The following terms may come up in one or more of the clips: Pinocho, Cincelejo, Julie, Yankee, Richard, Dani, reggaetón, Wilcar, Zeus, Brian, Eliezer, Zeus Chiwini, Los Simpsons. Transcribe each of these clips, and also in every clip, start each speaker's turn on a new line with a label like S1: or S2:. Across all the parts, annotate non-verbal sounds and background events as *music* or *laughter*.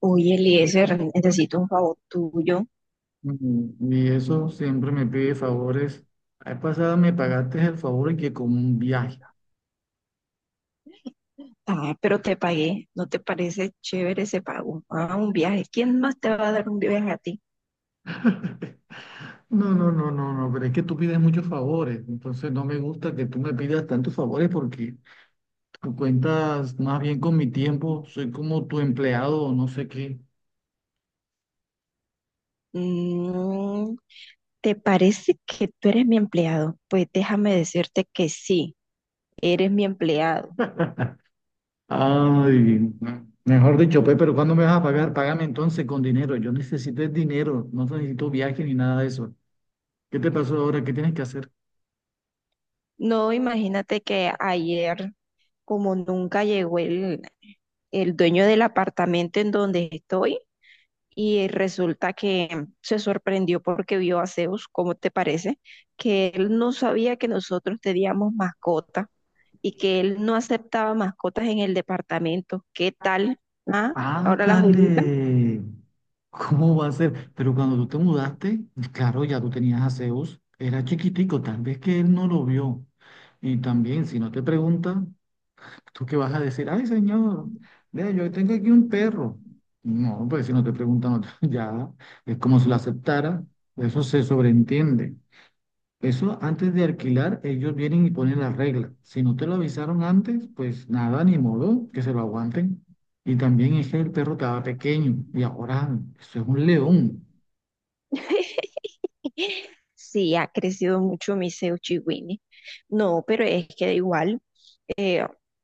S1: Oye, Eliezer, necesito un favor tuyo.
S2: Mm. Y eso siempre me pide favores. La vez pasada me pagaste el favor y que con un viaje.
S1: Ah, pero te pagué. ¿No te parece chévere ese pago? Ah, un viaje. ¿Quién más te va a dar un viaje a ti?
S2: *laughs* No, no, no, no, no, pero es que tú pides muchos favores. Entonces no me gusta que tú me pidas tantos favores porque tú cuentas más bien con mi tiempo. Soy como tu empleado o no sé qué.
S1: Mm, ¿Te parece que tú eres mi empleado? Pues déjame decirte que sí, eres mi empleado.
S2: Ay, no. Mejor dicho, pues, pero ¿cuándo me vas a pagar? Págame entonces con dinero. Yo necesito el dinero. No necesito viaje ni nada de eso. ¿Qué te pasó ahora? ¿Qué tienes que hacer?
S1: No, imagínate que ayer, como nunca llegó el dueño del apartamento en donde estoy, y resulta que se sorprendió porque vio a Zeus, ¿cómo te parece? Que él no sabía que nosotros teníamos mascotas y que él no aceptaba mascotas en el departamento. ¿Qué tal? Ah, ahora la joyita.
S2: Ándale. ¿Cómo va a ser? Pero cuando tú te mudaste, claro, ya tú tenías a Zeus, era chiquitico, tal vez que él no lo vio. Y también, si no te pregunta, ¿tú qué vas a decir? Ay, señor, vea, yo tengo aquí un perro. No, pues si no te preguntan, no te- *laughs* ya es como si lo aceptara, eso se sobreentiende. Eso antes de alquilar, ellos vienen y ponen las reglas. Si no te lo avisaron antes, pues nada, ni modo, que se lo aguanten. Y también es que el perro estaba pequeño y ahora eso es un león.
S1: *laughs* Sí, ha crecido mucho mi Zeus Chiwini. No, pero es que da igual.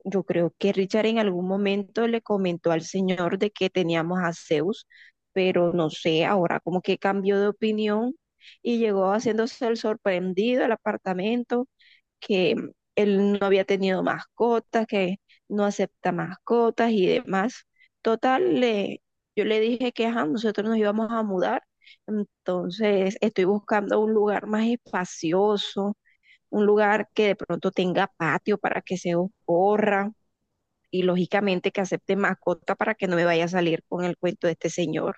S1: Yo creo que Richard en algún momento le comentó al señor de que teníamos a Zeus, pero no sé, ahora como que cambió de opinión y llegó haciéndose el sorprendido al apartamento, que él no había tenido mascotas, que no acepta mascotas y demás. Total, le, yo le dije que ajá, nosotros nos íbamos a mudar, entonces estoy buscando un lugar más espacioso, un lugar que de pronto tenga patio para que Zeus corra y lógicamente que acepte mascota para que no me vaya a salir con el cuento de este señor.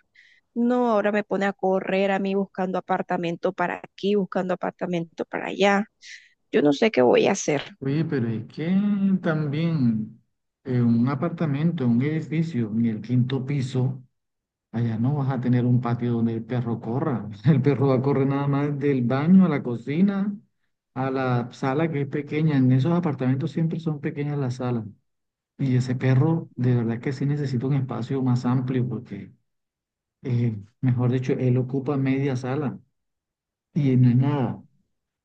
S1: No, ahora me pone a correr a mí buscando apartamento para aquí, buscando apartamento para allá. Yo no sé qué voy a hacer.
S2: Oye, pero es que también en un apartamento, en un edificio, en el quinto piso, allá no vas a tener un patio donde el perro corra. *laughs* El perro va a correr nada más del baño a la cocina, a la sala que es pequeña. En esos apartamentos siempre son pequeñas las salas. Y ese perro, de verdad que sí necesita un espacio más amplio porque, eh, mejor dicho, él ocupa media sala y no es nada.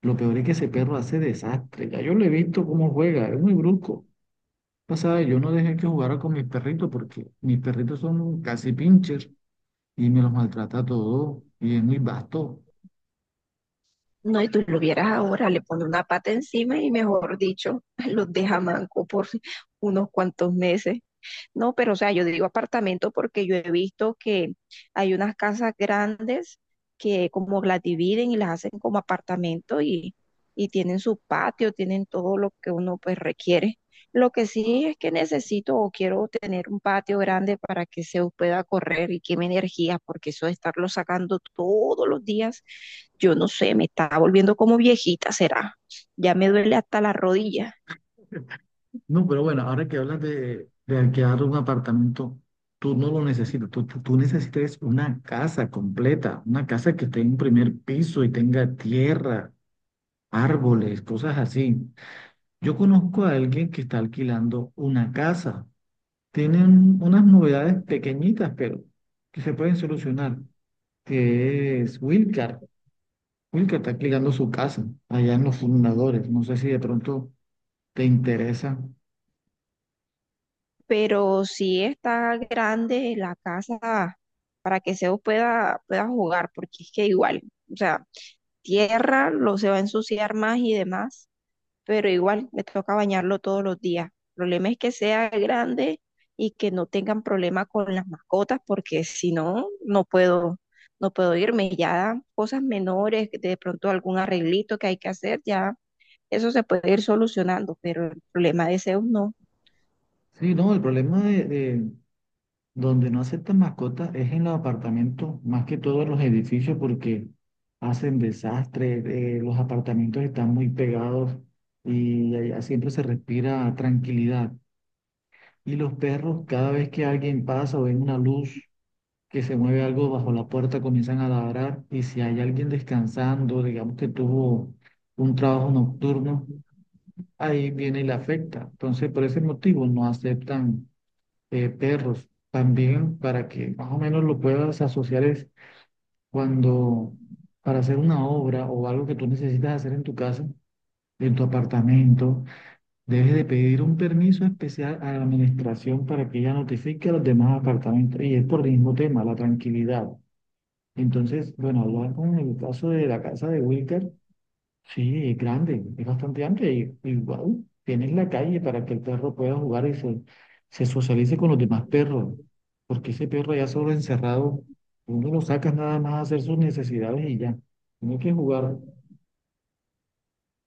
S2: Lo peor es que ese perro hace desastre. Ya yo lo he visto cómo juega, es muy brusco. Pasada, yo no dejé que jugara con mis perritos porque mis perritos son casi pinchers y me los maltrata todo y es muy vasto.
S1: No, y tú lo vieras ahora, le pone una pata encima y mejor dicho, *laughs* los deja manco por unos cuantos meses. No, pero o sea, yo digo apartamento porque yo he visto que hay unas casas grandes que como las dividen y las hacen como apartamento y tienen su patio, tienen todo lo que uno pues requiere. Lo que sí es que necesito o quiero tener un patio grande para que se pueda correr y queme energía, porque eso de estarlo sacando todos los días, yo no sé, me está volviendo como viejita, será. Ya me duele hasta la rodilla.
S2: No, pero bueno, ahora que hablas de alquilar un apartamento, tú no lo necesitas, tú necesitas es una casa completa, una casa que tenga un primer piso y tenga tierra, árboles, cosas así. Yo conozco a alguien que está alquilando una casa. Tienen unas novedades pequeñitas, pero que se pueden solucionar, que es Wilcar. Wilcar está alquilando su casa allá en los fundadores. No sé si de pronto te interesa.
S1: Pero sí está grande la casa para que Zeus pueda, pueda jugar, porque es que igual, o sea, tierra lo se va a ensuciar más y demás, pero igual le toca bañarlo todos los días. El problema es que sea grande y que no tengan problema con las mascotas, porque si no, no puedo, no puedo irme. Ya dan cosas menores, de pronto algún arreglito que hay que hacer, ya eso se puede ir solucionando, pero el problema de Zeus no.
S2: Sí, no, el problema de- donde no aceptan mascotas es en los apartamentos, más que todos los edificios, porque hacen desastres, los apartamentos están muy pegados y allá siempre se respira tranquilidad. Y los perros, cada vez que alguien pasa o ven una luz que se mueve algo bajo la puerta, comienzan a ladrar. Y si hay alguien descansando, digamos que tuvo un trabajo nocturno, ahí viene y le afecta. Entonces, por ese motivo no aceptan perros. También para que más o menos lo puedas asociar es cuando para hacer una obra o algo que tú necesitas hacer en tu casa, en tu apartamento, debes de pedir un permiso especial a la administración para que ella notifique a los demás apartamentos. Y es por el mismo tema, la tranquilidad. Entonces, bueno, hablar con el caso de la casa de Wilker, sí, es grande, es bastante amplia y guau, tienes la calle para que el perro pueda jugar y se socialice con los demás perros, porque ese perro ya solo encerrado, uno lo saca nada más a hacer sus necesidades y ya, tiene que jugar.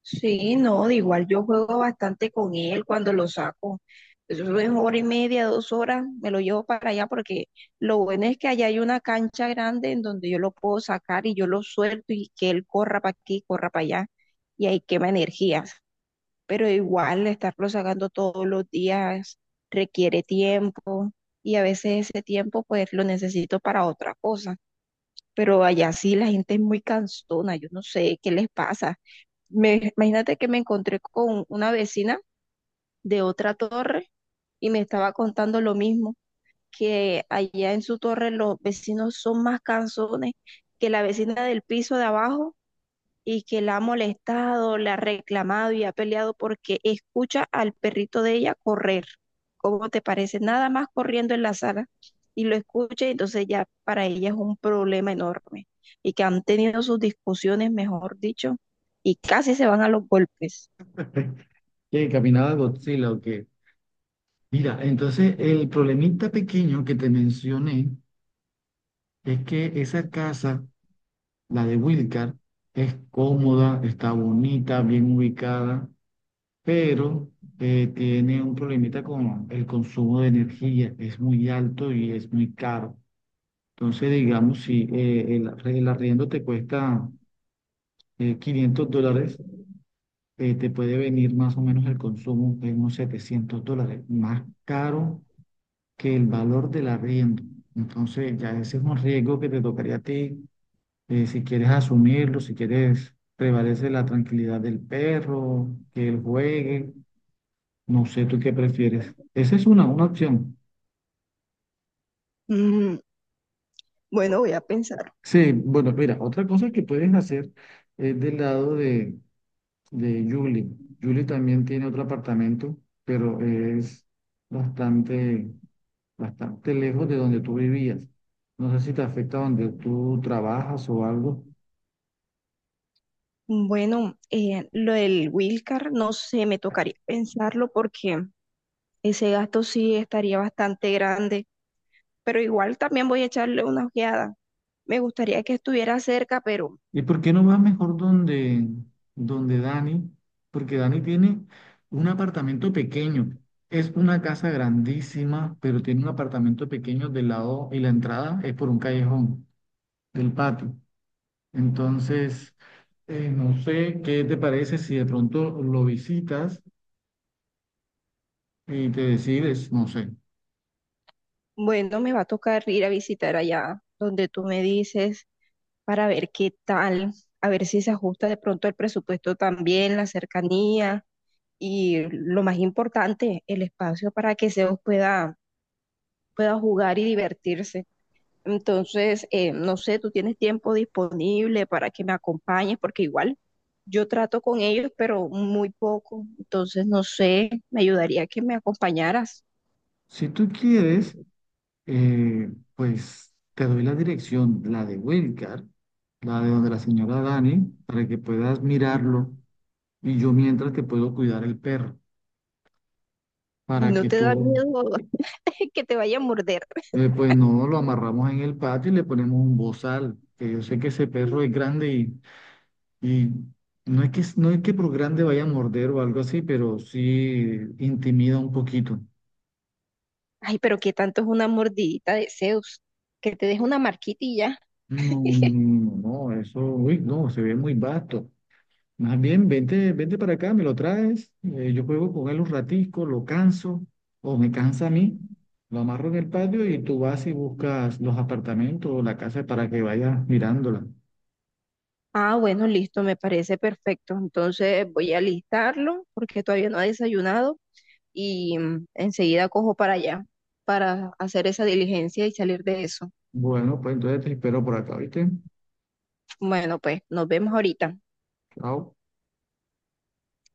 S1: Sí, no, de igual yo juego bastante con él cuando lo saco. Eso es hora y media, dos horas, me lo llevo para allá porque lo bueno es que allá hay una cancha grande en donde yo lo puedo sacar y yo lo suelto y que él corra para aquí, corra para allá y ahí quema energías. Pero igual estarlo sacando todos los días requiere tiempo y a veces ese tiempo pues lo necesito para otra cosa. Pero allá sí la gente es muy cansona, yo no sé qué les pasa me, imagínate que me encontré con una vecina de otra torre y me estaba contando lo mismo, que allá en su torre los vecinos son más cansones que la vecina del piso de abajo y que la ha molestado, la ha reclamado y ha peleado porque escucha al perrito de ella correr. ¿Cómo te parece? Nada más corriendo en la sala y lo escucha y entonces ya para ella es un problema enorme y que han tenido sus discusiones, mejor dicho, y casi se van a los golpes.
S2: *laughs* Que caminaba Godzilla o qué. Mira, entonces el problemita pequeño que te mencioné es que esa casa, la de Wilcar, es cómoda, está bonita, bien ubicada pero tiene un problemita con el consumo de energía, es muy alto y es muy caro. Entonces, digamos, si el arriendo te cuesta $500, te puede venir más o menos el consumo en unos $700, más caro que el valor del arriendo. Entonces, ya ese es un riesgo que te tocaría a ti, si quieres asumirlo, si quieres prevalece la tranquilidad del perro, que él juegue. No sé tú qué prefieres. Esa es una opción.
S1: Mm, bueno, voy a pensar.
S2: Sí, bueno, mira, otra cosa que puedes hacer es del lado de Julie. Julie también tiene otro apartamento, pero es bastante, bastante lejos de donde tú vivías. No sé si te afecta donde tú trabajas o algo.
S1: Bueno, lo del Wilcar, no sé, me tocaría pensarlo porque ese gasto sí estaría bastante grande, pero igual también voy a echarle una ojeada. Me gustaría que estuviera cerca, pero
S2: ¿Y por qué no vas mejor donde Dani? Porque Dani tiene un apartamento pequeño. Es una casa grandísima, pero tiene un apartamento pequeño del lado y la entrada es por un callejón del patio. Entonces, no sé qué te parece si de pronto lo visitas y te decides, no sé.
S1: bueno, me va a tocar ir a visitar allá donde tú me dices para ver qué tal, a ver si se ajusta de pronto el presupuesto también, la cercanía y lo más importante, el espacio para que Zeus pueda, pueda jugar y divertirse. Entonces, no sé, tú tienes tiempo disponible para que me acompañes, porque igual yo trato con ellos, pero muy poco. Entonces, no sé, me ayudaría que me acompañaras
S2: Si tú quieres, eh, pues te doy la dirección, la de Wilcar, la de donde la señora Dani, para que puedas mirarlo. Y yo mientras te puedo cuidar el perro,
S1: y
S2: para
S1: no
S2: que
S1: te da
S2: tú,
S1: miedo *laughs* que te vaya a morder.
S2: pues no lo amarramos en el patio y le ponemos un bozal, que yo sé que ese perro es grande y no es que por grande vaya a morder o algo así, pero sí intimida un poquito.
S1: Ay, pero qué tanto es una mordidita de Zeus, que te deje una marquita y ya.
S2: No, no, no, no, no, eso, uy, no, se ve muy vasto. Más bien, vente, vente para acá, me lo traes, yo juego con él un ratico, lo canso, o me cansa a mí, lo amarro en el patio y tú vas y buscas los apartamentos o la casa para que vayas mirándola.
S1: Ah, bueno, listo, me parece perfecto. Entonces voy a listarlo porque todavía no ha desayunado y mm, enseguida cojo para allá para hacer esa diligencia y salir de eso.
S2: Bueno, pues entonces te espero por acá, ¿viste?
S1: Bueno, pues nos vemos ahorita.
S2: Chao.